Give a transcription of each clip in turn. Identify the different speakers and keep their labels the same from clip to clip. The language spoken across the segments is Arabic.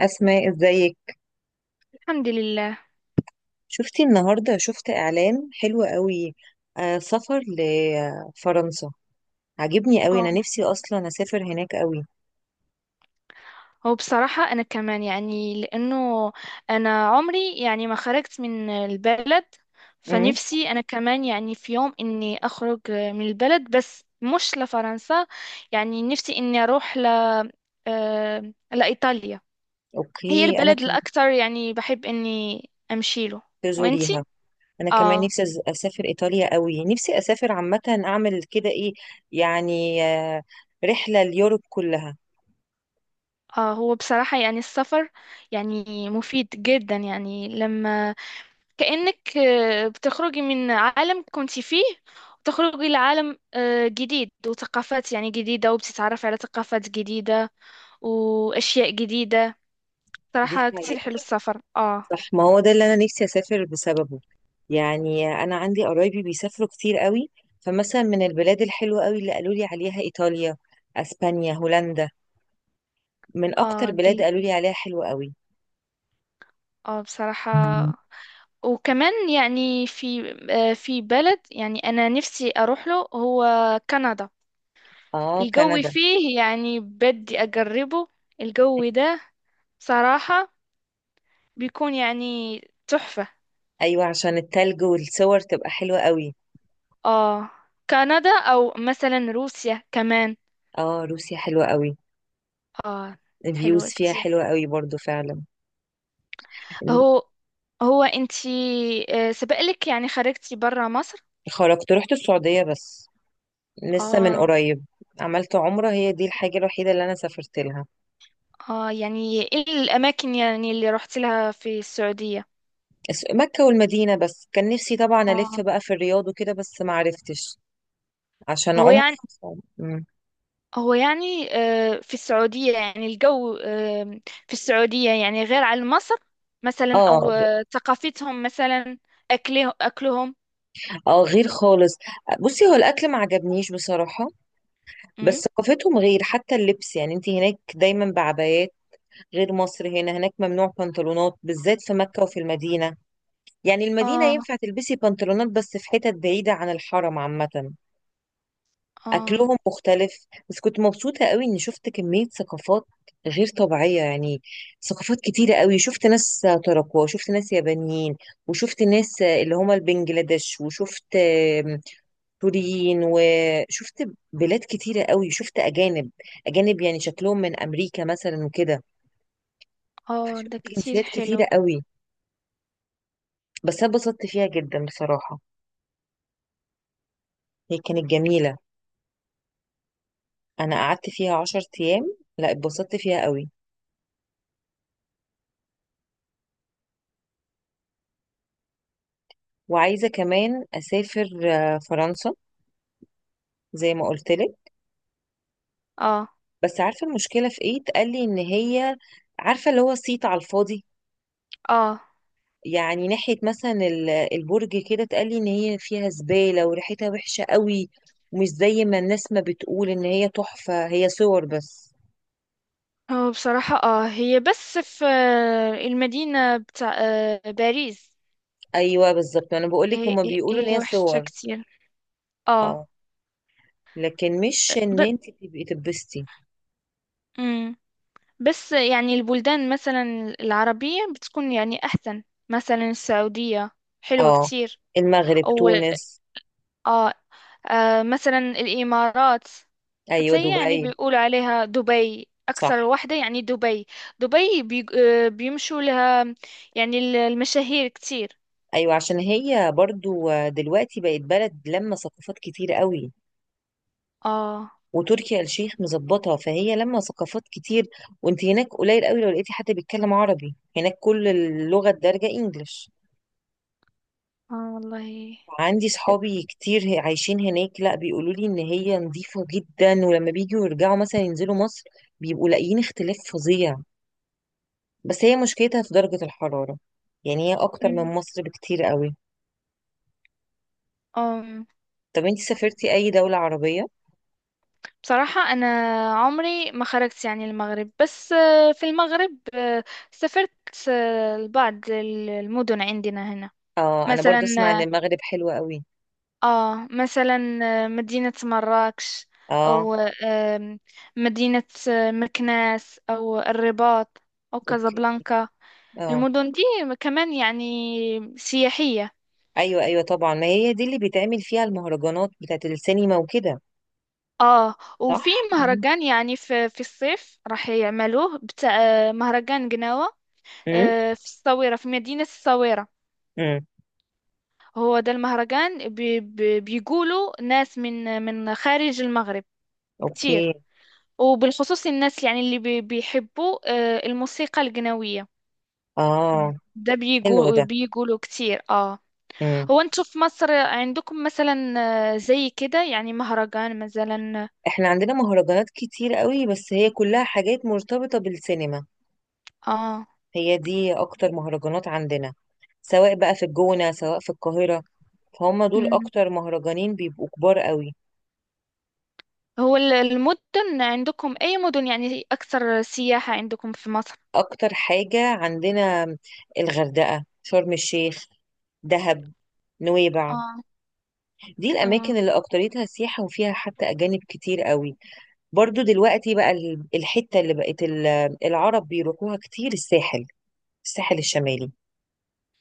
Speaker 1: أسماء، ازيك؟
Speaker 2: الحمد لله.
Speaker 1: شفتي النهاردة؟ شفت إعلان حلو قوي. آه، سفر لفرنسا. عجبني قوي،
Speaker 2: اه
Speaker 1: أنا نفسي أصلا أسافر هناك قوي.
Speaker 2: هو بصراحة أنا كمان، يعني لأنه أنا عمري يعني ما خرجت من البلد،
Speaker 1: امم.
Speaker 2: فنفسي أنا كمان يعني في يوم إني أخرج من البلد بس مش لفرنسا. يعني نفسي إني أروح ل لإيطاليا. هي
Speaker 1: أوكي، أنا
Speaker 2: البلد
Speaker 1: كمان.
Speaker 2: الأكثر يعني بحب إني أمشي له. وإنتي؟
Speaker 1: تزوريها. أنا كمان
Speaker 2: آه
Speaker 1: نفسي أسافر إيطاليا قوي، نفسي أسافر عامة، أعمل كده إيه. يعني رحلة اليوروب كلها.
Speaker 2: هو بصراحة يعني السفر يعني مفيد جدا، يعني لما كأنك بتخرجي من عالم كنت فيه وتخرجي لعالم جديد وثقافات يعني جديدة، وبتتعرفي على ثقافات جديدة وأشياء جديدة.
Speaker 1: دي
Speaker 2: صراحة كتير حلو
Speaker 1: حقيقة.
Speaker 2: السفر، اه.
Speaker 1: صح، ما هو ده اللي انا نفسي اسافر بسببه. يعني انا عندي قرايبي بيسافروا كتير قوي. فمثلا من البلاد الحلوه قوي اللي قالوا لي عليها ايطاليا، اسبانيا، هولندا. من
Speaker 2: اه
Speaker 1: اكتر
Speaker 2: دي،
Speaker 1: بلاد قالوا لي عليها حلوه قوي.
Speaker 2: اه بصراحة.
Speaker 1: مم.
Speaker 2: وكمان يعني في في بلد يعني أنا نفسي أروح له، هو كندا.
Speaker 1: اه،
Speaker 2: الجو
Speaker 1: كندا.
Speaker 2: فيه يعني بدي أجربه، الجو ده صراحة بيكون يعني تحفة.
Speaker 1: ايوه، عشان التلج والصور تبقى حلوه قوي.
Speaker 2: اه، كندا او مثلا روسيا كمان.
Speaker 1: اه، روسيا حلوه قوي.
Speaker 2: اه،
Speaker 1: الفيوز
Speaker 2: حلو
Speaker 1: فيها
Speaker 2: كتير.
Speaker 1: حلوه قوي برضو فعلا.
Speaker 2: هو هو انتي سبقلك يعني خرجتي برا مصر؟
Speaker 1: خرجت، رحت السعوديه بس، لسه من
Speaker 2: اه.
Speaker 1: قريب. عملت عمره، هي دي الحاجه الوحيده اللي انا سافرت لها.
Speaker 2: اه، يعني ايه الاماكن يعني اللي رحت لها في السعودية؟
Speaker 1: مكة والمدينة بس، كان نفسي طبعا ألف
Speaker 2: اه.
Speaker 1: بقى في الرياض وكده، بس ما عرفتش عشان
Speaker 2: هو
Speaker 1: عمري.
Speaker 2: يعني
Speaker 1: مم.
Speaker 2: هو يعني في السعودية يعني الجو في السعودية يعني غير عن مصر مثلا، او
Speaker 1: اه.
Speaker 2: ثقافتهم مثلا، اكله اكلهم.
Speaker 1: اه، غير خالص. بصي، هو الأكل ما عجبنيش بصراحة. بس
Speaker 2: مم.
Speaker 1: ثقافتهم غير، حتى اللبس، يعني انت هناك دايما بعبايات، غير مصر. هنا هناك ممنوع بنطلونات بالذات في مكة وفي المدينة. يعني المدينة
Speaker 2: اه،
Speaker 1: ينفع تلبسي بنطلونات بس في حتت بعيدة عن الحرم عامة.
Speaker 2: اه.
Speaker 1: اكلهم مختلف، بس كنت مبسوطه قوي اني شفت كميه ثقافات غير طبيعيه يعني. ثقافات كتيره قوي، شفت ناس تراكوة، شفت ناس يابانيين، وشفت ناس اللي هما البنجلاديش، وشفت سوريين، وشفت بلاد كتيره قوي، شفت اجانب. اجانب يعني شكلهم من امريكا مثلا وكده.
Speaker 2: اه
Speaker 1: فشفت
Speaker 2: ده كتير
Speaker 1: جنسيات
Speaker 2: حلو.
Speaker 1: كتيره قوي. بس انا اتبسطت فيها جدا بصراحه، هي كانت جميله. انا قعدت فيها 10 ايام، لا اتبسطت فيها قوي. وعايزة كمان أسافر فرنسا، زي ما قلتلك.
Speaker 2: اه
Speaker 1: بس عارفة المشكلة في إيه؟ اتقالي إن هي، عارفة اللي هو صيت على الفاضي.
Speaker 2: اه،
Speaker 1: يعني ناحية مثلا البرج كده، اتقالي إن هي فيها زبالة وريحتها وحشة قوي، ومش زي ما الناس ما بتقول إن هي تحفة، هي صور بس.
Speaker 2: هو بصراحة اه، هي بس في المدينة بتاع باريس.
Speaker 1: أيوه، بالظبط، أنا بقولك
Speaker 2: هي,
Speaker 1: هما
Speaker 2: هي
Speaker 1: بيقولوا إن
Speaker 2: هي
Speaker 1: هي
Speaker 2: وحشة
Speaker 1: صور.
Speaker 2: كتير. اه.
Speaker 1: اه. لكن مش إن
Speaker 2: ب...
Speaker 1: أنت تبقي تبستي.
Speaker 2: مم. بس يعني البلدان مثلا العربية بتكون يعني أحسن، مثلا السعودية حلوة
Speaker 1: اه،
Speaker 2: كتير.
Speaker 1: المغرب،
Speaker 2: أو
Speaker 1: تونس.
Speaker 2: اه، مثلا الإمارات. حتى
Speaker 1: أيوه،
Speaker 2: هي يعني
Speaker 1: دبي.
Speaker 2: بيقولوا عليها دبي
Speaker 1: صح.
Speaker 2: أكثر واحدة، يعني دبي. دبي بي... بيمشوا لها يعني المشاهير كتير.
Speaker 1: ايوه، عشان هي برضو دلوقتي بقت بلد لما ثقافات كتير قوي،
Speaker 2: اه،
Speaker 1: وتركي آل الشيخ مظبطها، فهي لما ثقافات كتير. وانت هناك قليل قوي لو لقيتي حد بيتكلم عربي هناك، كل اللغة الدارجة انجلش.
Speaker 2: اه والله.
Speaker 1: عندي صحابي كتير عايشين هناك، لا بيقولوا لي ان هي نظيفة جدا، ولما بيجوا يرجعوا مثلا ينزلوا مصر بيبقوا لاقيين اختلاف فظيع. بس هي مشكلتها في درجة الحرارة، يعني هي اكتر من
Speaker 2: مم.
Speaker 1: مصر بكتير قوي.
Speaker 2: أم،
Speaker 1: طب انت سافرتي اي دولة عربية؟
Speaker 2: بصراحة أنا عمري ما خرجت يعني المغرب، بس في المغرب سافرت لبعض المدن عندنا هنا.
Speaker 1: اه، انا
Speaker 2: مثلا
Speaker 1: برضو اسمع ان
Speaker 2: آه
Speaker 1: المغرب حلوة قوي.
Speaker 2: مثلا مدينة مراكش.
Speaker 1: اه.
Speaker 2: أو آم، مدينة مكناس أو الرباط أو
Speaker 1: اوكي.
Speaker 2: كازابلانكا.
Speaker 1: اه.
Speaker 2: المدن دي كمان يعني سياحية.
Speaker 1: ايوه، ايوه، طبعا، ما هي دي اللي بيتعمل فيها المهرجانات بتاعت السينما وكده.
Speaker 2: اه، وفي
Speaker 1: صح. مم.
Speaker 2: مهرجان يعني في الصيف راح يعملوه بتاع مهرجان قناوة،
Speaker 1: امم.
Speaker 2: في الصويرة، في مدينة الصويرة.
Speaker 1: امم.
Speaker 2: هو ده المهرجان بي بي بيقولوا ناس من خارج المغرب كتير،
Speaker 1: اوكي.
Speaker 2: وبالخصوص الناس يعني اللي بيحبوا الموسيقى القناوية.
Speaker 1: اه.
Speaker 2: ده
Speaker 1: حلو
Speaker 2: بيقول
Speaker 1: ده.
Speaker 2: بيقولوا كتير، اه.
Speaker 1: امم.
Speaker 2: هو انتوا في مصر عندكم مثلا زي كده يعني مهرجان مثلا؟
Speaker 1: احنا عندنا مهرجانات كتير قوي بس هي كلها حاجات مرتبطة بالسينما.
Speaker 2: اه،
Speaker 1: هي دي اكتر مهرجانات عندنا، سواء بقى في الجونة سواء في القاهرة، فهم دول اكتر مهرجانين بيبقوا كبار قوي.
Speaker 2: هو المدن عندكم أي مدن يعني أكثر سياحة عندكم في مصر؟
Speaker 1: اكتر حاجة عندنا الغردقة، شرم الشيخ، دهب، نويبع.
Speaker 2: اه،
Speaker 1: دي
Speaker 2: اه،
Speaker 1: الأماكن اللي أكتريتها سياحة وفيها حتى أجانب كتير قوي. برضو دلوقتي بقى الحتة اللي بقت العرب بيروحوها كتير الساحل، الساحل الشمالي.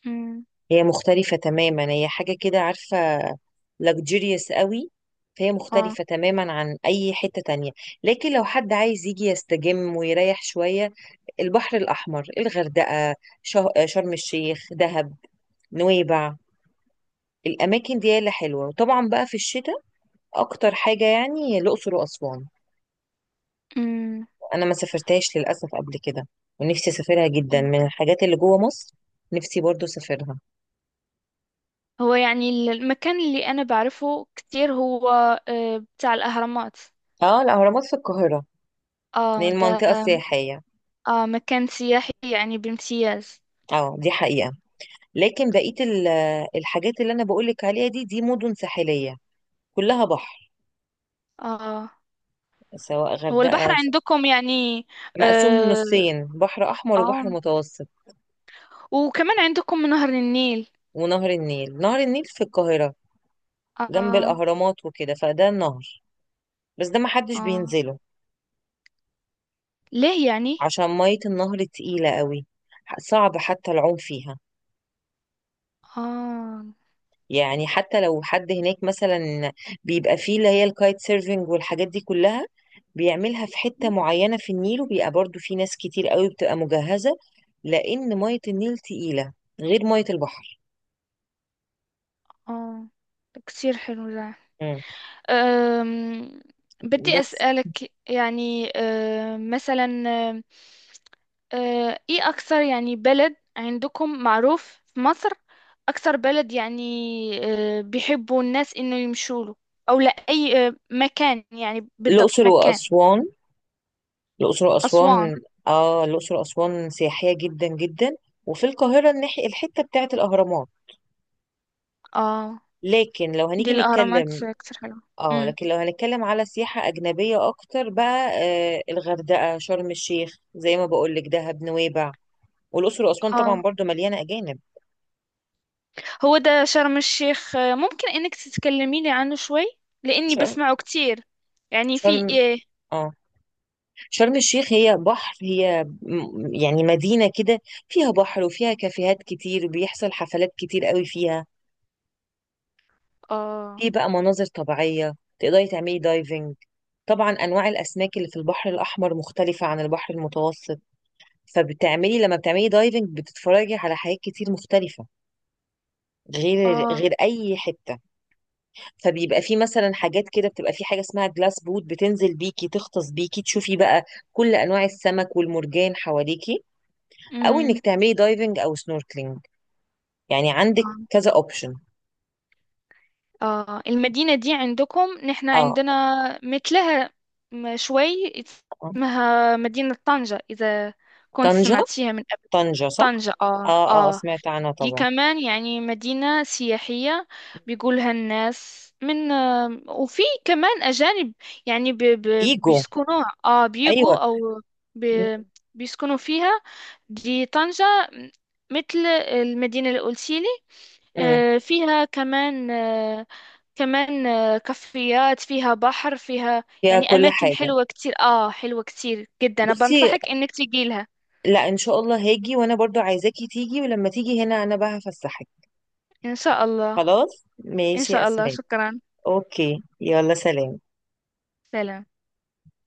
Speaker 2: امم،
Speaker 1: هي مختلفة تماما، هي حاجة كده، عارفة، luxurious قوي. فهي
Speaker 2: اه،
Speaker 1: مختلفة تماما عن أي حتة تانية. لكن لو حد عايز يجي يستجم ويريح شوية، البحر الأحمر، الغردقة، شرم الشيخ، دهب، نويبع، الأماكن دي اللي حلوة. وطبعا بقى في الشتاء اكتر حاجة يعني الاقصر واسوان.
Speaker 2: امم،
Speaker 1: انا ما سافرتهاش للاسف قبل كده، ونفسي اسافرها جدا
Speaker 2: أمم.
Speaker 1: من الحاجات اللي جوه مصر. نفسي برضو اسافرها.
Speaker 2: هو يعني المكان اللي أنا بعرفه كتير هو بتاع الأهرامات.
Speaker 1: اه، الاهرامات في القاهرة،
Speaker 2: اه
Speaker 1: لان
Speaker 2: ده،
Speaker 1: منطقة سياحية.
Speaker 2: اه مكان سياحي يعني بامتياز.
Speaker 1: اه، دي حقيقة. لكن بقية الحاجات اللي انا بقولك عليها دي مدن ساحلية، كلها بحر،
Speaker 2: اه،
Speaker 1: سواء
Speaker 2: هو البحر
Speaker 1: غردقة.
Speaker 2: عندكم يعني؟
Speaker 1: مقسوم
Speaker 2: اه،
Speaker 1: نصين، بحر احمر
Speaker 2: آه.
Speaker 1: وبحر متوسط.
Speaker 2: وكمان عندكم نهر النيل.
Speaker 1: ونهر النيل، نهر النيل في القاهرة جنب
Speaker 2: اه،
Speaker 1: الاهرامات وكده، فده النهر بس ده محدش
Speaker 2: اه،
Speaker 1: بينزله
Speaker 2: ليه يعني؟
Speaker 1: عشان مية النهر تقيلة قوي، صعب حتى العوم فيها.
Speaker 2: اه،
Speaker 1: يعني حتى لو حد هناك مثلا، بيبقى فيه اللي هي الكايت سيرفينج والحاجات دي كلها، بيعملها في حتة معينة في النيل، وبيبقى برضو في ناس كتير قوي بتبقى مجهزة، لأن مية النيل تقيلة غير مية البحر.
Speaker 2: اه، كتير حلو ده.
Speaker 1: مم.
Speaker 2: أم، بدي
Speaker 1: بس
Speaker 2: أسألك يعني، أم، مثلا، أم، أه، ايه اكثر يعني بلد عندكم معروف في مصر؟ اكثر بلد يعني أه، بيحبوا الناس انه يمشوا له، او لا اي أه، مكان يعني بالضبط
Speaker 1: الأقصر
Speaker 2: مكان؟
Speaker 1: وأسوان الأقصر
Speaker 2: اسوان.
Speaker 1: وأسوان آه، الأقصر وأسوان سياحية جدا جدا. وفي القاهرة الناحية الحتة بتاعت الأهرامات.
Speaker 2: اه،
Speaker 1: لكن لو
Speaker 2: دي
Speaker 1: هنيجي
Speaker 2: الاهرامات
Speaker 1: نتكلم،
Speaker 2: كتير حلوه.
Speaker 1: اه،
Speaker 2: امم،
Speaker 1: لكن لو هنتكلم على سياحة أجنبية أكتر بقى، الغردقة، شرم الشيخ، زي ما بقولك، دهب، نويبع، والأقصر وأسوان
Speaker 2: اه،
Speaker 1: طبعا برضو مليانة أجانب.
Speaker 2: هو ده شرم الشيخ أه، ممكن انك تتكلميني عنه شوي؟ لاني
Speaker 1: شرم.
Speaker 2: بسمعه كتير، يعني في
Speaker 1: شرم.
Speaker 2: ايه.
Speaker 1: اه. شرم الشيخ هي بحر، هي يعني مدينة كده، فيها بحر وفيها كافيهات كتير، وبيحصل حفلات كتير قوي فيها.
Speaker 2: اه،
Speaker 1: في بقى مناظر طبيعية، تقدري تعملي دايفنج. طبعا انواع الاسماك اللي في البحر الاحمر مختلفه عن البحر المتوسط، لما بتعملي دايفنج بتتفرجي على حاجات كتير مختلفه غير
Speaker 2: اه،
Speaker 1: غير اي حته. فبيبقى في مثلا حاجات كده، بتبقى في حاجه اسمها جلاس بوت، بتنزل بيكي تغطس بيكي تشوفي بقى كل انواع السمك والمرجان حواليكي، او
Speaker 2: امم،
Speaker 1: انك تعملي دايفنج او سنوركلينج، يعني عندك
Speaker 2: آه.
Speaker 1: كذا اوبشن.
Speaker 2: اه، المدينة دي عندكم نحن
Speaker 1: اه.
Speaker 2: عندنا مثلها شوي،
Speaker 1: آه.
Speaker 2: اسمها مدينة طنجة، إذا كنت
Speaker 1: طنجة.
Speaker 2: سمعتيها من قبل.
Speaker 1: طنجة، صح.
Speaker 2: طنجة، اه
Speaker 1: اه، اه،
Speaker 2: اه.
Speaker 1: سمعت عنها
Speaker 2: دي
Speaker 1: طبعا.
Speaker 2: كمان يعني مدينة سياحية، بيقولها الناس من آه، وفي كمان أجانب يعني ب ب
Speaker 1: ايجو.
Speaker 2: بيسكنوها، اه
Speaker 1: ايوه.
Speaker 2: بيجوا أو ب
Speaker 1: م-
Speaker 2: بيسكنوا فيها. دي طنجة مثل المدينة اللي قلتيلي.
Speaker 1: م.
Speaker 2: فيها كمان كافيات، فيها بحر، فيها
Speaker 1: فيها
Speaker 2: يعني
Speaker 1: كل
Speaker 2: أماكن
Speaker 1: حاجه.
Speaker 2: حلوة كتير، آه حلوة كتير جدا، أنا
Speaker 1: بصي،
Speaker 2: بنصحك إنك تجي لها.
Speaker 1: لا ان شاء الله هاجي، وانا برضو عايزاكي تيجي، ولما تيجي هنا انا بقى هفسحك.
Speaker 2: إن شاء الله.
Speaker 1: خلاص،
Speaker 2: إن
Speaker 1: ماشي يا
Speaker 2: شاء الله،
Speaker 1: اسماء.
Speaker 2: شكرا.
Speaker 1: اوكي، يلا، سلام.
Speaker 2: سلام.